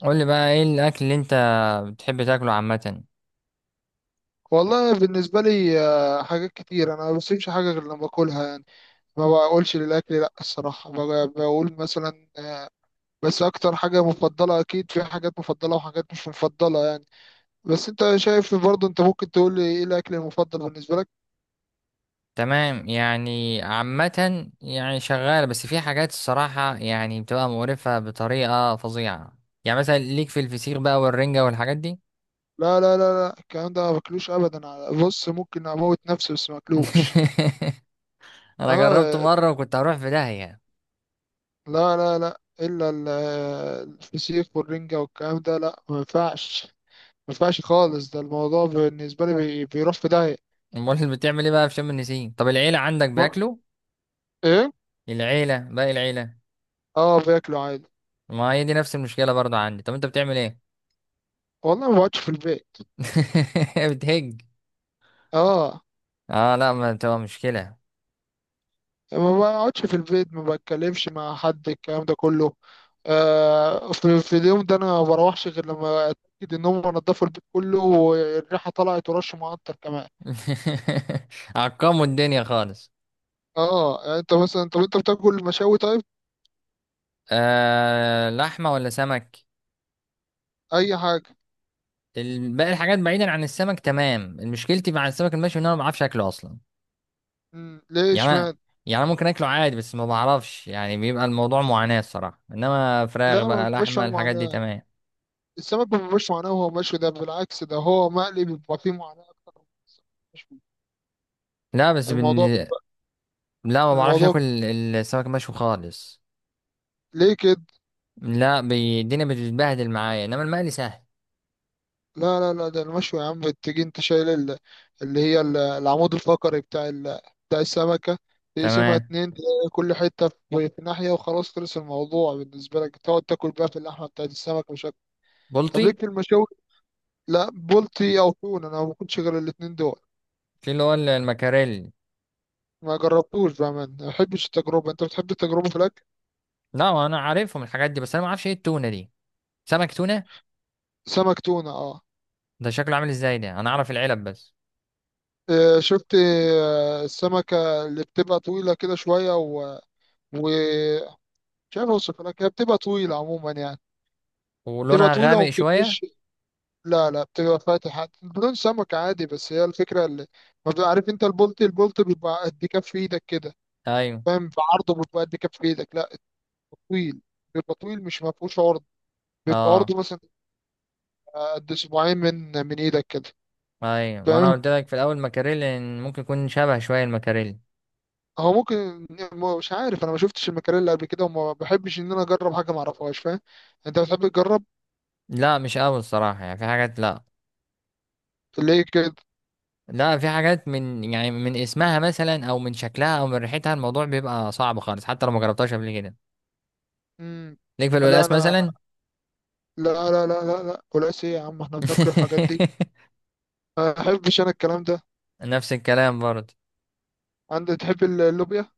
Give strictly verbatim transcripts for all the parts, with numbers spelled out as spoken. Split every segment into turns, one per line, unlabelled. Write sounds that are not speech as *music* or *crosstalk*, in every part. قول لي بقى ايه الاكل اللي انت بتحب تاكله عامه.
والله بالنسبة لي آه، حاجات كتير، أنا ما بسيبش حاجة غير لما باكلها يعني. ما بقولش للأكل لأ، الصراحة ب- بقول مثلا آه، بس أكتر حاجة مفضلة. أكيد في حاجات مفضلة وحاجات مش مفضلة يعني. بس أنت شايف برضه، أنت ممكن تقول لي إيه الأكل المفضل بالنسبة لك؟
تمام، يعني عامه يعني شغال، بس في حاجات الصراحه يعني بتبقى مقرفه بطريقه فظيعه. يعني مثلا ليك في الفسيخ بقى والرنجه والحاجات دي.
لا لا لا لا، الكلام ده ما باكلوش أبدا. على- بص، ممكن أموت نفسي بس ما باكلوش.
*laughs* انا جربته
آه،
مره وكنت هروح في داهيه.
لا لا لا إلا ال- آه، الفسيخ والرنجة والكلام ده لأ ما ينفعش. ما ينفعش خالص، ده الموضوع بالنسبة لي بي- بيروح في داهية.
امال بتعمل ايه بقى في شم النسيم؟ طب العيله عندك
و-
بياكلوا؟
ايه.
العيله، باقي العيله.
اه باكله عادي.
ما هي دي نفس المشكله برضه عندي، طب انت بتعمل ايه؟
والله ما بقعدش في البيت.
*laughs* بتهج؟
اه،
اه، لا ما بتبقى مشكله.
ما بقعدش في البيت، ما بتكلمش مع حد الكلام ده كله. آه، في, في اليوم ده انا ما بروحش غير لما اتاكد ان هم نضفوا البيت كله والريحه طلعت ورش معطر كمان.
*laughs* عقموا الدنيا خالص.
اه، يعني انت مثلا، طب انت بتاكل مشاوي؟ طيب
آه، لحمة ولا سمك؟
اي حاجه.
ال- باقي الحاجات بعيدا عن السمك تمام. مشكلتي مع السمك المشوي ان انا ما بعرفش اكله اصلا.
مم. ليه
يعني أنا
اشمعنى؟
يعني أنا ممكن اكله عادي، بس ما بعرفش يعني بيبقى الموضوع معاناة الصراحة. انما فراخ
لا ما
بقى،
بيبقاش فيها
لحمة، الحاجات دي
معاناه.
تمام.
السمك ما بيبقاش معاناه وهو مشوي، ده بالعكس، ده هو مقلي بيبقى فيه معاناه اكتر من السمك المشوي.
لا بس بن...
الموضوع
لا ما بعرفش
الموضوع
اكل ال- السمك المشوي خالص.
ليه كده؟
لا بي- الدنيا بتتبهدل معايا، انما المقلي سهل.
لا لا لا، ده المشوي يا عم، تيجي انت شايل ال- اللي هي ال- العمود الفقري بتاع ال... بتاع السمكة، تقسمها
تمام.
اتنين، كل حتة في في ناحية، وخلاص خلص الموضوع بالنسبة لك، تقعد تاكل بقى في اللحمة بتاعت السمك مش أكتر. طب
بلطي.
ليك في المشاوي؟ لا بولتي أو تون، أنا ما باكلش غير الاتنين دول.
في اللي هو المكاريلي.
ما جربتوش بأمان، ما بحبش التجربة. أنت بتحب التجربة في الأكل؟
لا انا عارفهم الحاجات دي، بس انا ما اعرفش ايه التونة دي. سمك تونة.
سمك تونة، اه.
ده شكله عامل ازاي؟ ده انا اعرف العلب بس.
اه، شفت؟ اه، السمكة اللي بتبقى طويلة كده شوية و... ومش عارف أوصفها لك، هي بتبقى طويلة عموما يعني. تبقى
ولونها
طويلة وما
غامق شوية.
بتبقاش. لا لا، بتبقى فاتحة، بدون سمك عادي، بس هي الفكرة اللي ما بتبقى. عارف انت البولت؟ البولت بيبقى قد كف ايدك كده،
ايوه.
فاهم؟ بعرضه بيبقى قد كف ايدك. لا، بيبقى طويل. بيبقى طويل مش ما فيهوش عرض. بيبقى
اه
عرضه مثلا قد اسبوعين، من من ايدك كده.
ايوه، ما انا
فاهم،
قلت لك في الاول مكاريل إن ممكن يكون شبه شوية المكاريل.
هو ممكن. ما- مش عارف، انا ما شفتش المكاريلا قبل كده، وما بحبش ان انا اجرب حاجة ما اعرفهاش، فاهم؟ انت بتحب تجرب؟
لا مش قوي الصراحة، يعني في حاجات لا.
ليه كده؟
لا في حاجات من يعني من اسمها مثلا، او من شكلها، او من ريحتها الموضوع بيبقى صعب خالص حتى لو ما جربتهاش قبل كده.
امم
ليك في
لا
الولاس
انا.
مثلا.
لا لا لا لا لا، ولا ايه يا عم، احنا بناكل الحاجات دي؟
*laughs*
ما احبش انا الكلام ده.
نفس الكلام برضه.
انت تحب اللوبيا؟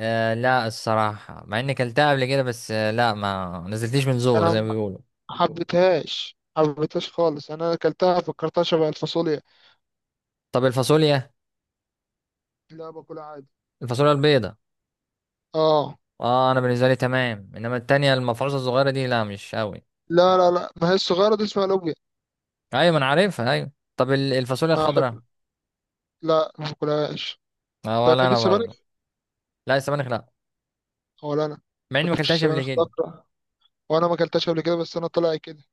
آه لا، الصراحة، مع اني كلتها قبل كده، بس آه لا ما نزلتليش من زور
انا
زي ما
ما.
بيقولوا.
حبيتهاش حبيتهاش خالص، انا اكلتها فكرتها شبه الفاصوليا.
طب الفاصوليا،
لا باكلها عادي.
الفاصوليا البيضة.
اه.
اه، انا بالنسبه لي تمام، انما التانية المفروسه الصغيره دي لا مش قوي.
لا لا لا، ما هي الصغيره دي اسمها لوبيا.
ايوه ما انا عارفها، ايوه. طب ال- الفاصوليا
انا
الخضراء؟
احب. لا ما باكلهاش.
اه،
انت
ولا
بتحب
انا
السبانخ؟
برضو. لا، السبانخ لا.
ولا انا، ما
مع اني ما
بحبش
اكلتهاش قبل
السبانخ،
كده.
بكره. وانا ما اكلتهاش قبل كده، بس انا طلع كده.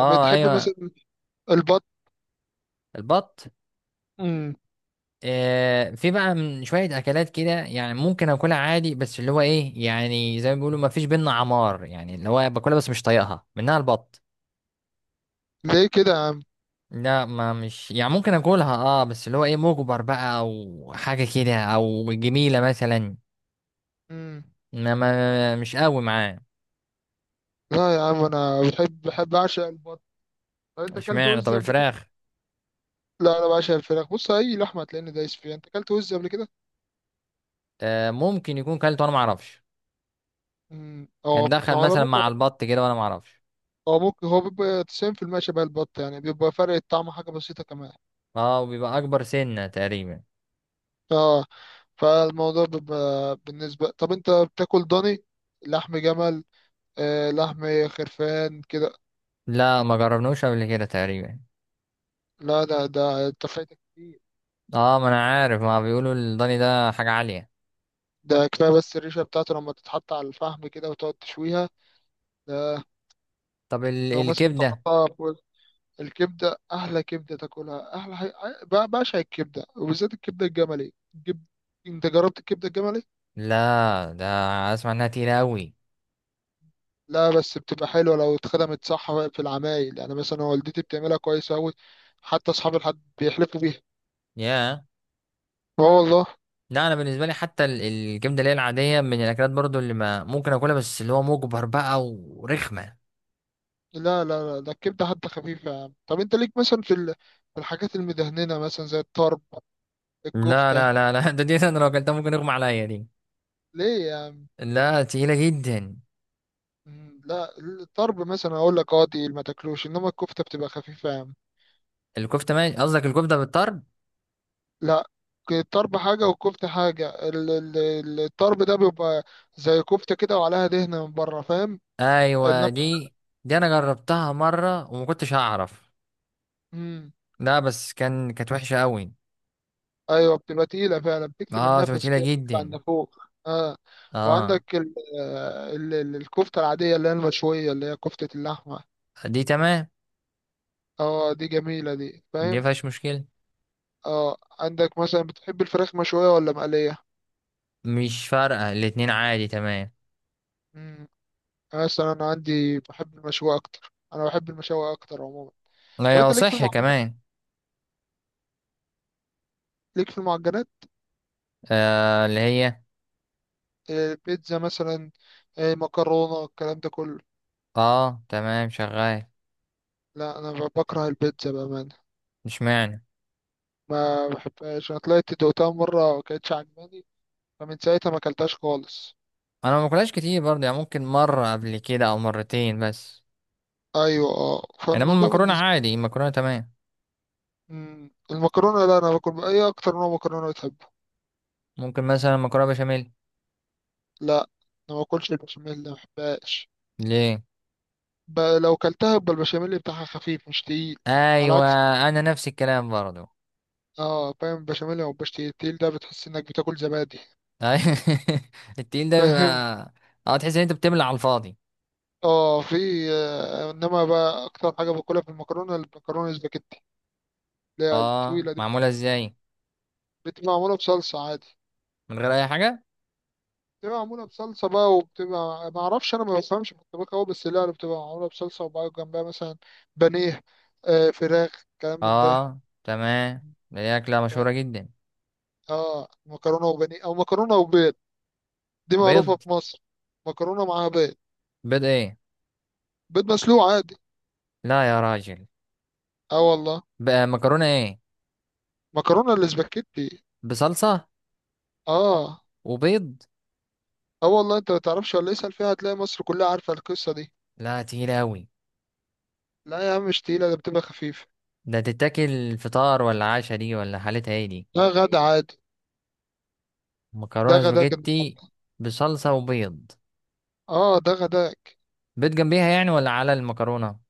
طب بتحب
ايوه.
مثلا البط؟
البط؟
امم
آه، في بقى من شويه اكلات كده يعني ممكن اكلها عادي، بس اللي هو ايه يعني زي ما بيقولوا ما فيش بينا عمار، يعني اللي هو باكلها بس مش طايقها، منها البط.
ليه كده يا عم؟
لا ما، مش يعني ممكن اكلها اه، بس اللي هو ايه مجبر بقى او حاجه كده، او جميله مثلا.
امم
ما ما مش قوي معاه.
لا يا عم انا بحب بحب اعشق البط. طب انت اكلت
اشمعنى؟ طب
وز قبل كده؟
الفراخ؟
لا انا بعشق الفراخ، بص، اي لحمه هتلاقيني دايس فيها. انت اكلت وز قبل كده؟
آه، ممكن يكون كلت وانا ما اعرفش.
مم.
كان
هو،
دخل
على
مثلا
العموم،
مع البط كده وانا ما اعرفش.
هو ممكن، هو بيبقى تسعين في المية شبه البط يعني، بيبقى فرق الطعم حاجة بسيطة كمان.
اه، وبيبقى اكبر سنة تقريبا.
اه، فالموضوع بيبقى بالنسبة، طب انت بتاكل ضاني؟ لحم جمل؟ آه لحم خرفان كده.
لا ما جربناوش قبل كده تقريبا.
لا لا، ده انت فايتك كتير.
اه ما انا عارف ما بيقولوا الضاني ده حاجة عالية.
ده كفاية بس الريشة بتاعته لما تتحط على الفحم كده وتقعد تشويها، ده
طب ال
لو مثلا
الكبدة؟
تحطها فوق. الكبدة أحلى كبدة تاكلها، أحلى حاجة. ب- بعشق الكبدة، وبالذات الكبدة الجملي. الكب- أنت جربت الكبدة الجملي؟
لا ده اسمع انها تقيلة قوي.
لا بس بتبقى حلوة لو اتخدمت صح في العمايل، يعني مثلا والدتي بتعملها كويس أوي، حتى أصحاب الحد بيحلفوا بيها.
يا.
اه والله.
لا انا بالنسبة لي، حتى ال الكبدة اللي هي العادية، من الاكلات برضو اللي ما ممكن اكلها بس اللي هو مجبر بقى، ورخمة.
لا لا لا، ده الكبدة حتى خفيفة يا عم. طب أنت ليك مثلا في ال- في الحاجات المدهننة مثلا زي الطرب،
لا،
الكفتة؟
لا، لا، لا، *laughs* ده دي انا لو اكلتها ممكن اغمى عليا دي.
ليه يا عم؟
لا، تقيلة جدا.
مم، لا الطرب مثلا أقول لك، اه دي ما تاكلوش، إنما الكفتة بتبقى خفيفة يا عم.
الكفته ماشي، قصدك الكفته بالطرب؟
لا، الطرب حاجة والكفتة حاجة، ال- ال- ال- الطرب ده بيبقى زي كفتة كده وعليها دهنة من بره، فاهم؟
ايوه.
إنما
دي دي انا جربتها مره وما كنتش هعرف.
مم.
لا بس كان كانت وحشه قوي.
ايوه بتبقى تقيله فعلا، بتكتم
اه،
النفس
توتيله
كده، بتطلع
جدا.
عند فوق. اه.
اه.
وعندك ال، آه، ال ال- الكفته العاديه، اللي هي المشويه، اللي هي كفته اللحمه.
دي تمام،
اه دي جميله دي،
دي
فاهم؟
مفيهاش مشكله.
اه، عندك مثلا بتحب الفراخ مشويه ولا مقليه؟
مش فارقه، الاتنين عادي تمام.
امم مثلا انا عندي بحب المشويه اكتر، انا بحب المشويه اكتر عموما.
لا
طب انت
يا،
ليك في
صح
المعجنات؟
كمان.
ليك في المعجنات
آه اللي هي.
آه، بيتزا مثلا، آه، مكرونه، الكلام ده كله؟
اه تمام، شغال.
لا انا بكره البيتزا بامانه،
مش معنى.
ما بحبهاش، انا طلعت دوقتها مره ما كانتش عجباني، فمن ساعتها ما اكلتهاش خالص.
انا ما باكلهاش كتير برضه، يعني ممكن مره قبل كده او مرتين بس.
ايوه. اه،
انما
فالموضوع
المكرونه
بالنسبه.
عادي، المكرونه تمام.
مم. المكرونه لا، انا باكل. ايه اكتر نوع مكرونه بتحبه؟
ممكن مثلا مكرونه بشاميل.
لا، انا ما باكلش البشاميل، ما بحبهاش.
ليه؟
ب... لو كلتها يبقى البشاميل بتاعها خفيف مش تقيل. على
ايوه.
عكس.
انا نفس الكلام برضو.
اه فاهم، البشاميل او البش تقيل، تقيل ده بتحس انك بتاكل زبادي.
أيوة. *laughs* التقيل
*laughs*
ده
فاهم.
بيبقى. اه، تحس ان انت بتملى على الفاضي.
اه، في. آه، انما بقى اكتر حاجه باكلها في المكرونه، المكرونه السباكيتي، اللي هي
اه،
الطويله دي.
معموله ازاي؟
بتبقى معموله بصلصه عادي.
من غير اي حاجه؟
بتبقى معمولة بصلصة بقى، وبتبقى، ما اعرفش، انا ما بفهمش في الطبخ قوي، بس لا بتبقى معمولة بصلصة وبقى جنبها مثلا بانيه، آه فراخ، كلام من ده.
اه تمام، دي اكله مشهوره
فاهم.
جدا.
اه مكرونة وبانيه او مكرونة وبيض، دي
بيض؟
معروفة في مصر. مكرونة معاها بيض.
بيض ايه؟
بيض مسلوق عادي.
لا يا راجل.
اه والله.
بقى مكرونه ايه؟
مكرونة الاسباجيتي.
بصلصه
اه.
وبيض؟
اه والله، انت ما تعرفش، ولا اسأل فيها هتلاقي مصر كلها عارفة القصة دي.
لا، تقيله اوي.
لا يا عم مش تقيلة، ده بتبقى خفيفة.
ده تتاكل فطار ولا عشاء دي، ولا حالتها ايه دي؟
ده غدا عادي. ده
مكرونه
غداك
سباجيتي
النهاردة.
بصلصه وبيض؟
اه ده غداك.
بيض جنبيها يعني، ولا على المكرونه؟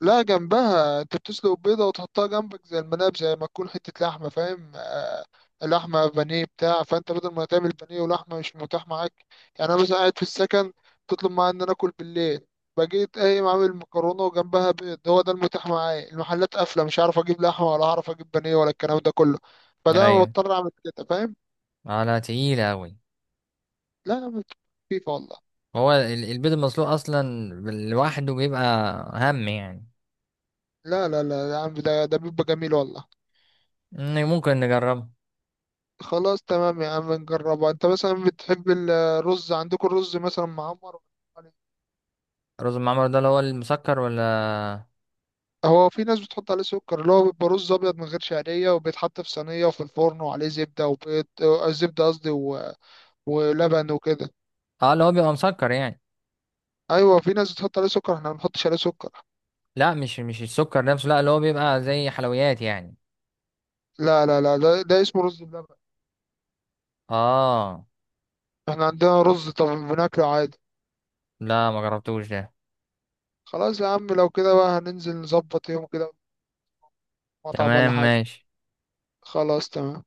لا جنبها، انت بتسلق بيضة وتحطها جنبك، زي المناب، زي ما تكون حتة لحمة، فاهم؟ آه، لحمة بانيه بتاع، فانت بدل ما تعمل بانيه ولحمة مش متاح معاك. يعني انا مثلا قاعد في السكن، تطلب معايا ان انا اكل بالليل، بقيت قايم عامل مكرونة وجنبها بيض، هو ده المتاح معايا، المحلات قافلة، مش عارف اجيب لحمة، ولا هعرف اجيب بانيه، ولا الكلام ده كله، فده أنا
ايوه.
مضطر اعمل كده، فاهم؟
اه لا، تقيله اوي.
لا يا عم، خفيفة والله.
هو ال- البيض المسلوق اصلا لوحده بيبقى هم يعني.
لا لا لا يا عم، ده ده بيبقى جميل والله.
إن ممكن نجربه.
خلاص تمام يا عم، نجربها. انت مثلا بتحب الرز؟ عندكم الرز مثلا معمر ولا عليه؟
الرز المعمر ده اللي هو المسكر ولا؟
هو في ناس بتحط عليه سكر، اللي هو بيبقى رز ابيض من غير شعريه، وبيتحط في صينيه وفي الفرن وعليه زبده وبيض، آه، زبده قصدي، و... ولبن وكده.
اه، اللي هو بيبقى مسكر يعني؟
ايوه في ناس بتحط عليه سكر، احنا ما بنحطش عليه سكر.
لا، مش مش السكر نفسه، لا، اللي هو بيبقى زي حلويات يعني.
لا لا لا، ده, ده اسمه رز بلبن.
اه
احنا عندنا رز طب بناكله عادي.
لا، ما جربتوش ده.
خلاص يا عم، لو كده بقى هننزل نظبط يوم كده، مطعم
تمام
ولا حاجه.
ماشي.
خلاص تمام.